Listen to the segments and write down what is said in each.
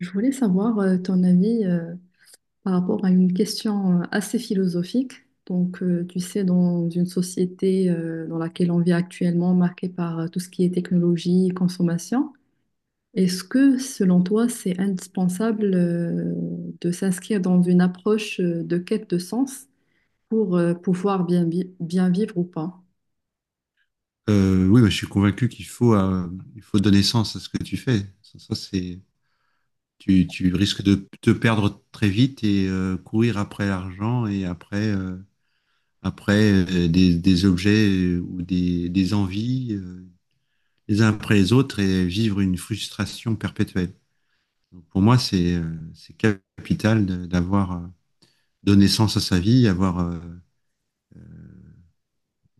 Je voulais savoir ton avis par rapport à une question assez philosophique. Donc, tu sais, dans une société dans laquelle on vit actuellement, marquée par tout ce qui est technologie, consommation, est-ce que, selon toi, c'est indispensable de s'inscrire dans une approche de quête de sens pour pouvoir bien, bien vivre ou pas? Oui, bah, je suis convaincu qu'il faut, il faut donner sens à ce que tu fais. Ça, c'est, tu risques de te perdre très vite et courir après l'argent et après, après des objets ou des envies les uns après les autres et vivre une frustration perpétuelle. Donc, pour moi, c'est capital d'avoir donné sens à sa vie, avoir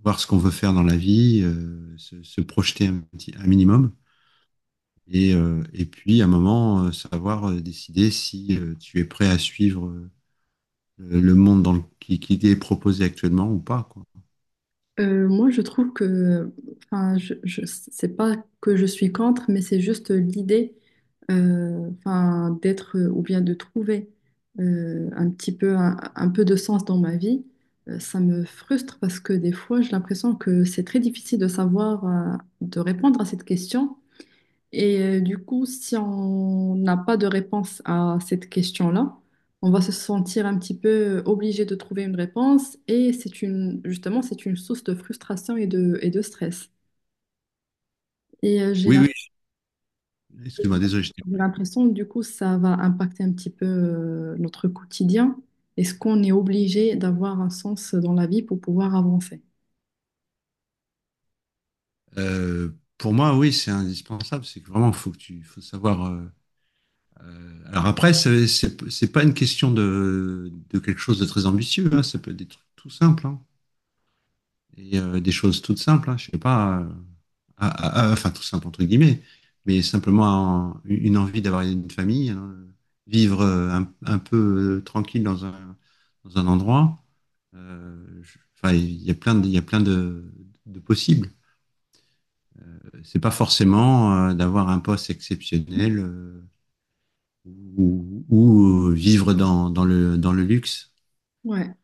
voir ce qu'on veut faire dans la vie, se projeter un petit, un minimum. Et puis, à un moment, savoir décider si tu es prêt à suivre le monde qui t'est proposé actuellement ou pas, quoi. Moi, je trouve que, enfin, je, c'est pas que je suis contre, mais c'est juste l'idée, enfin, d'être ou bien de trouver un petit peu, un peu de sens dans ma vie. Ça me frustre parce que des fois, j'ai l'impression que c'est très difficile de savoir, de répondre à cette question. Et du coup, si on n'a pas de réponse à cette question-là, on va se sentir un petit peu obligé de trouver une réponse et c'est une, justement, c'est une source de frustration et de stress. Et Oui, oui, excuse-moi, désolé, je t'ai j'ai coupé. l'impression, du coup, ça va impacter un petit peu notre quotidien. Est-ce qu'on est obligé d'avoir un sens dans la vie pour pouvoir avancer? Euh, pour moi, oui, c'est indispensable. C'est que vraiment, faut que tu, faut savoir. Alors après, c'est pas une question de quelque chose de très ambitieux, hein, ça peut être des trucs tout simples, hein. Et des choses toutes simples, hein, je sais pas, enfin tout simple entre guillemets, mais simplement une envie d'avoir une famille, hein, vivre un peu tranquille dans un endroit. Enfin, il y a plein de, il y a plein de possibles. C'est pas forcément d'avoir un poste exceptionnel ou vivre dans, dans le luxe. Ouais.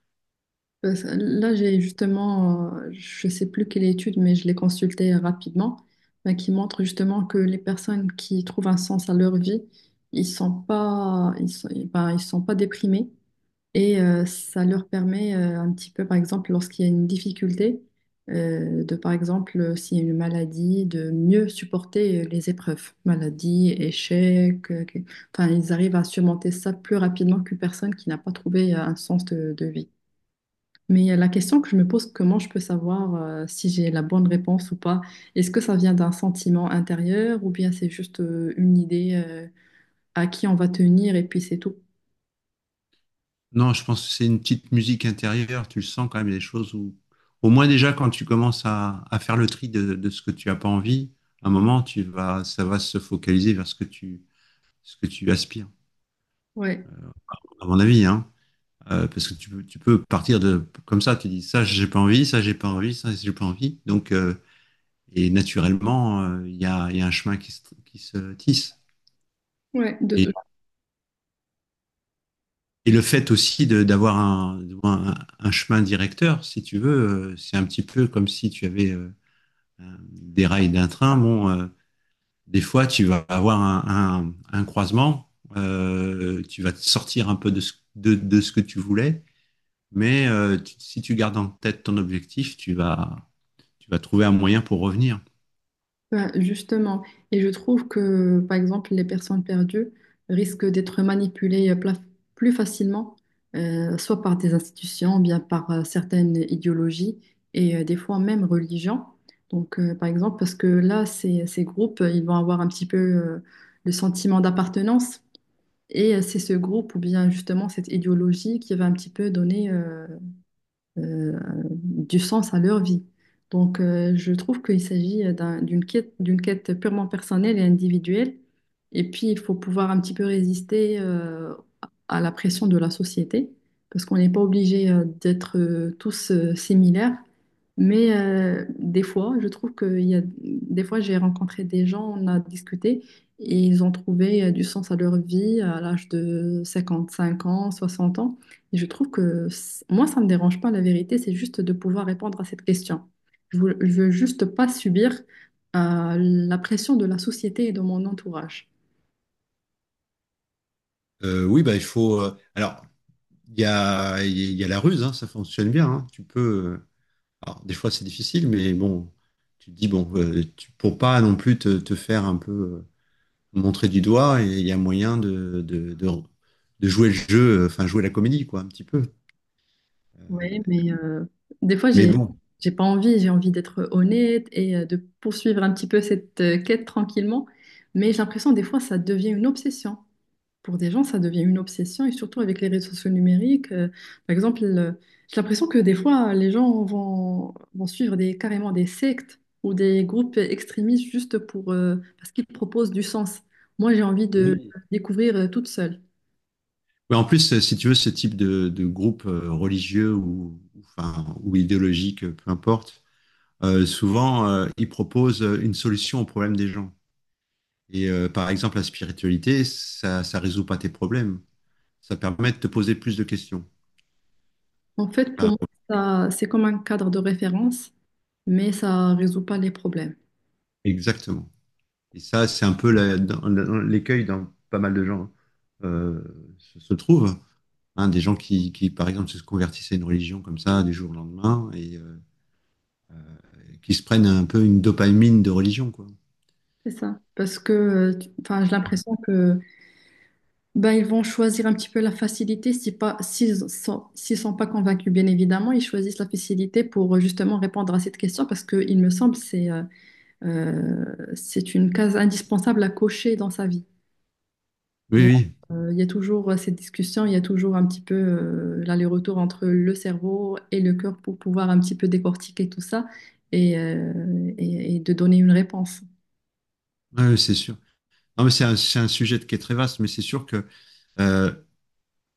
Là, j'ai justement, je sais plus quelle étude, mais je l'ai consultée rapidement, bah, qui montre justement que les personnes qui trouvent un sens à leur vie, ils sont pas déprimés et ça leur permet un petit peu, par exemple, lorsqu'il y a une difficulté, s'il y a une maladie, de mieux supporter les épreuves, maladie, échec, enfin, ils arrivent à surmonter ça plus rapidement qu'une personne qui n'a pas trouvé un sens de vie. Mais la question que je me pose, comment je peux savoir si j'ai la bonne réponse ou pas? Est-ce que ça vient d'un sentiment intérieur ou bien c'est juste une idée à qui on va tenir et puis c'est tout? Non, je pense que c'est une petite musique intérieure. Tu le sens quand même, des choses où, au moins déjà, quand tu commences à faire le tri de ce que tu n'as pas envie, à un moment, tu vas, ça va se focaliser vers ce que tu aspires, Ouais, à mon avis, hein. Parce que tu peux partir de comme ça, tu dis ça, j'ai pas envie, ça, j'ai pas envie, ça, j'ai pas envie. Donc, et naturellement, il y a un chemin qui se tisse. ouais, Et, de, et le fait aussi d'avoir un chemin directeur, si tu veux, c'est un petit peu comme si tu avais des rails d'un train, bon, des fois, tu vas avoir un croisement, tu vas sortir un peu de ce que tu voulais, mais tu, si tu gardes en tête ton objectif, tu vas trouver un moyen pour revenir. Ben, justement, et je trouve que, par exemple, les personnes perdues risquent d'être manipulées plus facilement, soit par des institutions, bien par certaines idéologies et des fois même religions. Donc, par exemple, parce que là, ces groupes, ils vont avoir un petit peu le sentiment d'appartenance, et c'est ce groupe ou bien justement cette idéologie qui va un petit peu donner euh, du sens à leur vie. Donc, je trouve qu'il s'agit d'une quête purement personnelle et individuelle. Et puis, il faut pouvoir un petit peu résister à la pression de la société, parce qu'on n'est pas obligé d'être tous similaires. Mais des fois, je trouve que il y a, des fois, j'ai rencontré des gens, on a discuté, et ils ont trouvé du sens à leur vie à l'âge de 55 ans, 60 ans. Et je trouve que moi, ça ne me dérange pas, la vérité, c'est juste de pouvoir répondre à cette question. Je veux juste pas subir la pression de la société et de mon entourage. Oui, bah, il faut. Alors, il y a, la ruse, hein, ça fonctionne bien. Hein, tu peux. Alors, des fois, c'est difficile, mais bon, tu te dis, bon, tu, pour pas non plus te, te faire un peu montrer du doigt et il y a moyen de jouer le jeu, enfin jouer la comédie, quoi, un petit peu. Euh, Oui, mais des fois, Mais j'ai, bon, j'ai pas envie, j'ai envie d'être honnête et de poursuivre un petit peu cette quête tranquillement. Mais j'ai l'impression, des fois, ça devient une obsession. Pour des gens, ça devient une obsession, et surtout avec les réseaux sociaux numériques. Par exemple, euh, j'ai l'impression que des fois, vont suivre carrément des sectes ou des groupes extrémistes juste pour, parce qu'ils proposent du sens. Moi, j'ai envie de oui, découvrir toute seule. mais en plus, si tu veux, ce type de groupe religieux ou, enfin, ou idéologique, peu importe, souvent, ils proposent une solution au problème des gens. Et par exemple, la spiritualité, ça résout pas tes problèmes. Ça permet de te poser plus de questions. En fait, pour moi, ça, c'est comme un cadre de référence, mais ça ne résout pas les problèmes. Exactement. Et ça, c'est un peu l'écueil dans pas mal de gens euh, se, se trouve. Hein, des gens qui, par exemple, se convertissent à une religion comme ça du jour au lendemain et qui se prennent un peu une dopamine de religion, quoi. C'est ça. Parce que, enfin, j'ai l'impression que ben, ils vont choisir un petit peu la facilité si pas, s'ils sont pas convaincus, bien évidemment, ils choisissent la facilité pour justement répondre à cette question parce que, il me semble, euh, c'est une case indispensable à cocher dans sa vie. Donc, Oui, il y a toujours cette discussion, il y a toujours un petit peu l'aller-retour entre le cerveau et le cœur pour pouvoir un petit peu décortiquer tout ça et, et de donner une réponse. oui c'est sûr. Non, mais c'est un, sujet qui est très vaste, mais c'est sûr que euh,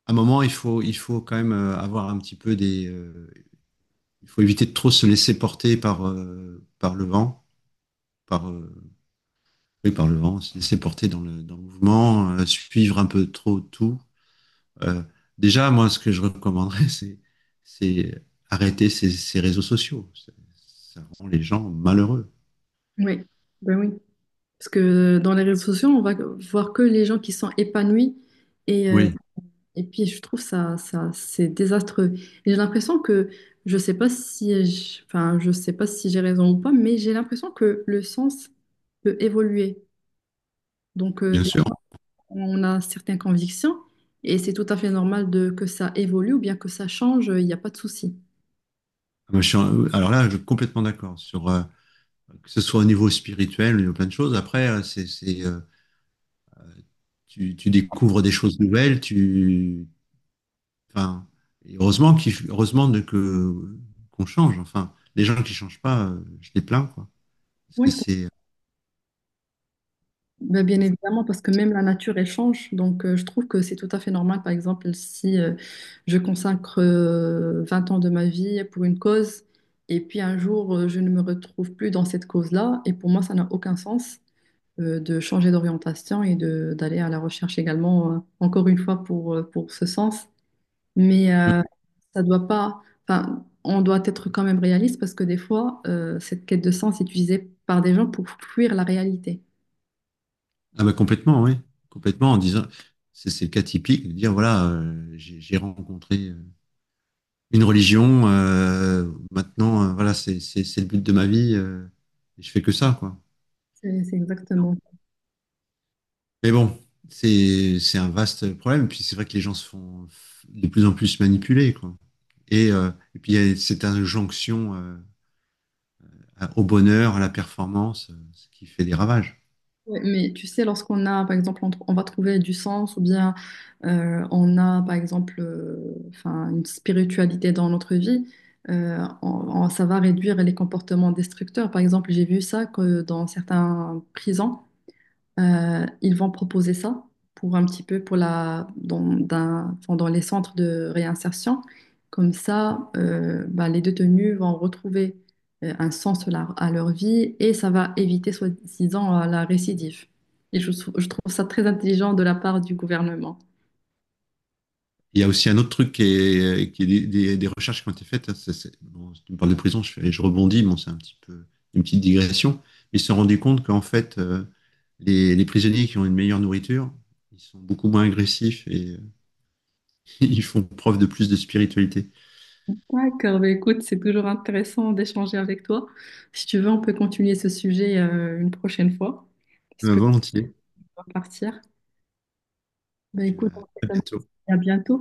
à un moment, il faut quand même avoir un petit peu des. Il faut éviter de trop se laisser porter par, par le vent, par, oui, par le vent, se laisser porter dans le mouvement, suivre un peu trop tout. Euh, Déjà, moi, ce que je recommanderais, c'est arrêter ces, ces réseaux sociaux. Ça rend les gens malheureux. Oui, ben oui. Parce que dans les réseaux sociaux, on va voir que les gens qui sont épanouis. Et euh, Oui, Et puis, je trouve ça, c'est désastreux. Et j'ai l'impression que, je sais pas si, je- enfin, je sais pas si j'ai raison ou pas, mais j'ai l'impression que le sens peut évoluer. Donc, euh, bien des- sûr. on a certaines convictions et c'est tout à fait normal de, que ça évolue ou bien que ça change, il n'y a pas de souci. Moi, alors là, je suis complètement d'accord sur que ce soit au niveau spirituel, au niveau plein de choses. Après, c'est, tu, tu découvres des choses nouvelles. Tu, enfin, et heureusement de que qu'on change. Enfin, les gens qui changent pas, je les plains, quoi. Parce que Oui. c'est Ben, bien euh, évidemment, parce que même la nature, elle change. Donc, je trouve que c'est tout à fait normal, par exemple, si je consacre 20 ans de ma vie pour une cause, et puis un jour, je ne me retrouve plus dans cette cause-là, et pour moi, ça n'a aucun sens de changer d'orientation et de d'aller à la recherche également, encore une fois, pour ce sens. Mais ça doit pas, enfin, on doit être quand même réaliste, parce que des fois, cette quête de sens est utilisée par des gens pour fuir la réalité. Ah bah complètement, oui. Complètement en disant, c'est le cas typique de dire voilà, j'ai rencontré une religion, maintenant voilà, c'est le but de ma vie, et je fais que ça, quoi. C'est exactement Mais bon, c'est un vaste problème. Et puis c'est vrai que les gens se font de plus en plus manipuler, quoi. Et puis il y a cette injonction au bonheur, à la performance, ce qui fait des ravages. ouais, mais tu sais, lorsqu'on a, par exemple, on va trouver du sens ou bien on a, par exemple, enfin, une spiritualité dans notre vie, ça va réduire les comportements destructeurs. Par exemple, j'ai vu ça que dans certains prisons. Ils vont proposer ça pour un petit peu pour enfin, dans les centres de réinsertion. Comme ça, bah, les détenus vont retrouver un sens à leur vie et ça va éviter, soi-disant, la récidive. Et je trouve ça très intelligent de la part du gouvernement. Il y a aussi un autre truc qui est des, des recherches qui ont été faites, hein. Ça, bon, si tu me parles de prison, je rebondis, bon, c'est un petit peu une petite digression. Ils se sont rendus compte qu'en fait, les prisonniers qui ont une meilleure nourriture, ils sont beaucoup moins agressifs et ils font preuve de plus de spiritualité. D'accord, bah, écoute, c'est toujours intéressant d'échanger avec toi. Si tu veux, on peut continuer ce sujet une prochaine fois, parce que Volontiers. Et je dois partir. Bah, puis, bah, écoute, on fait à comme bientôt. ça. À bientôt.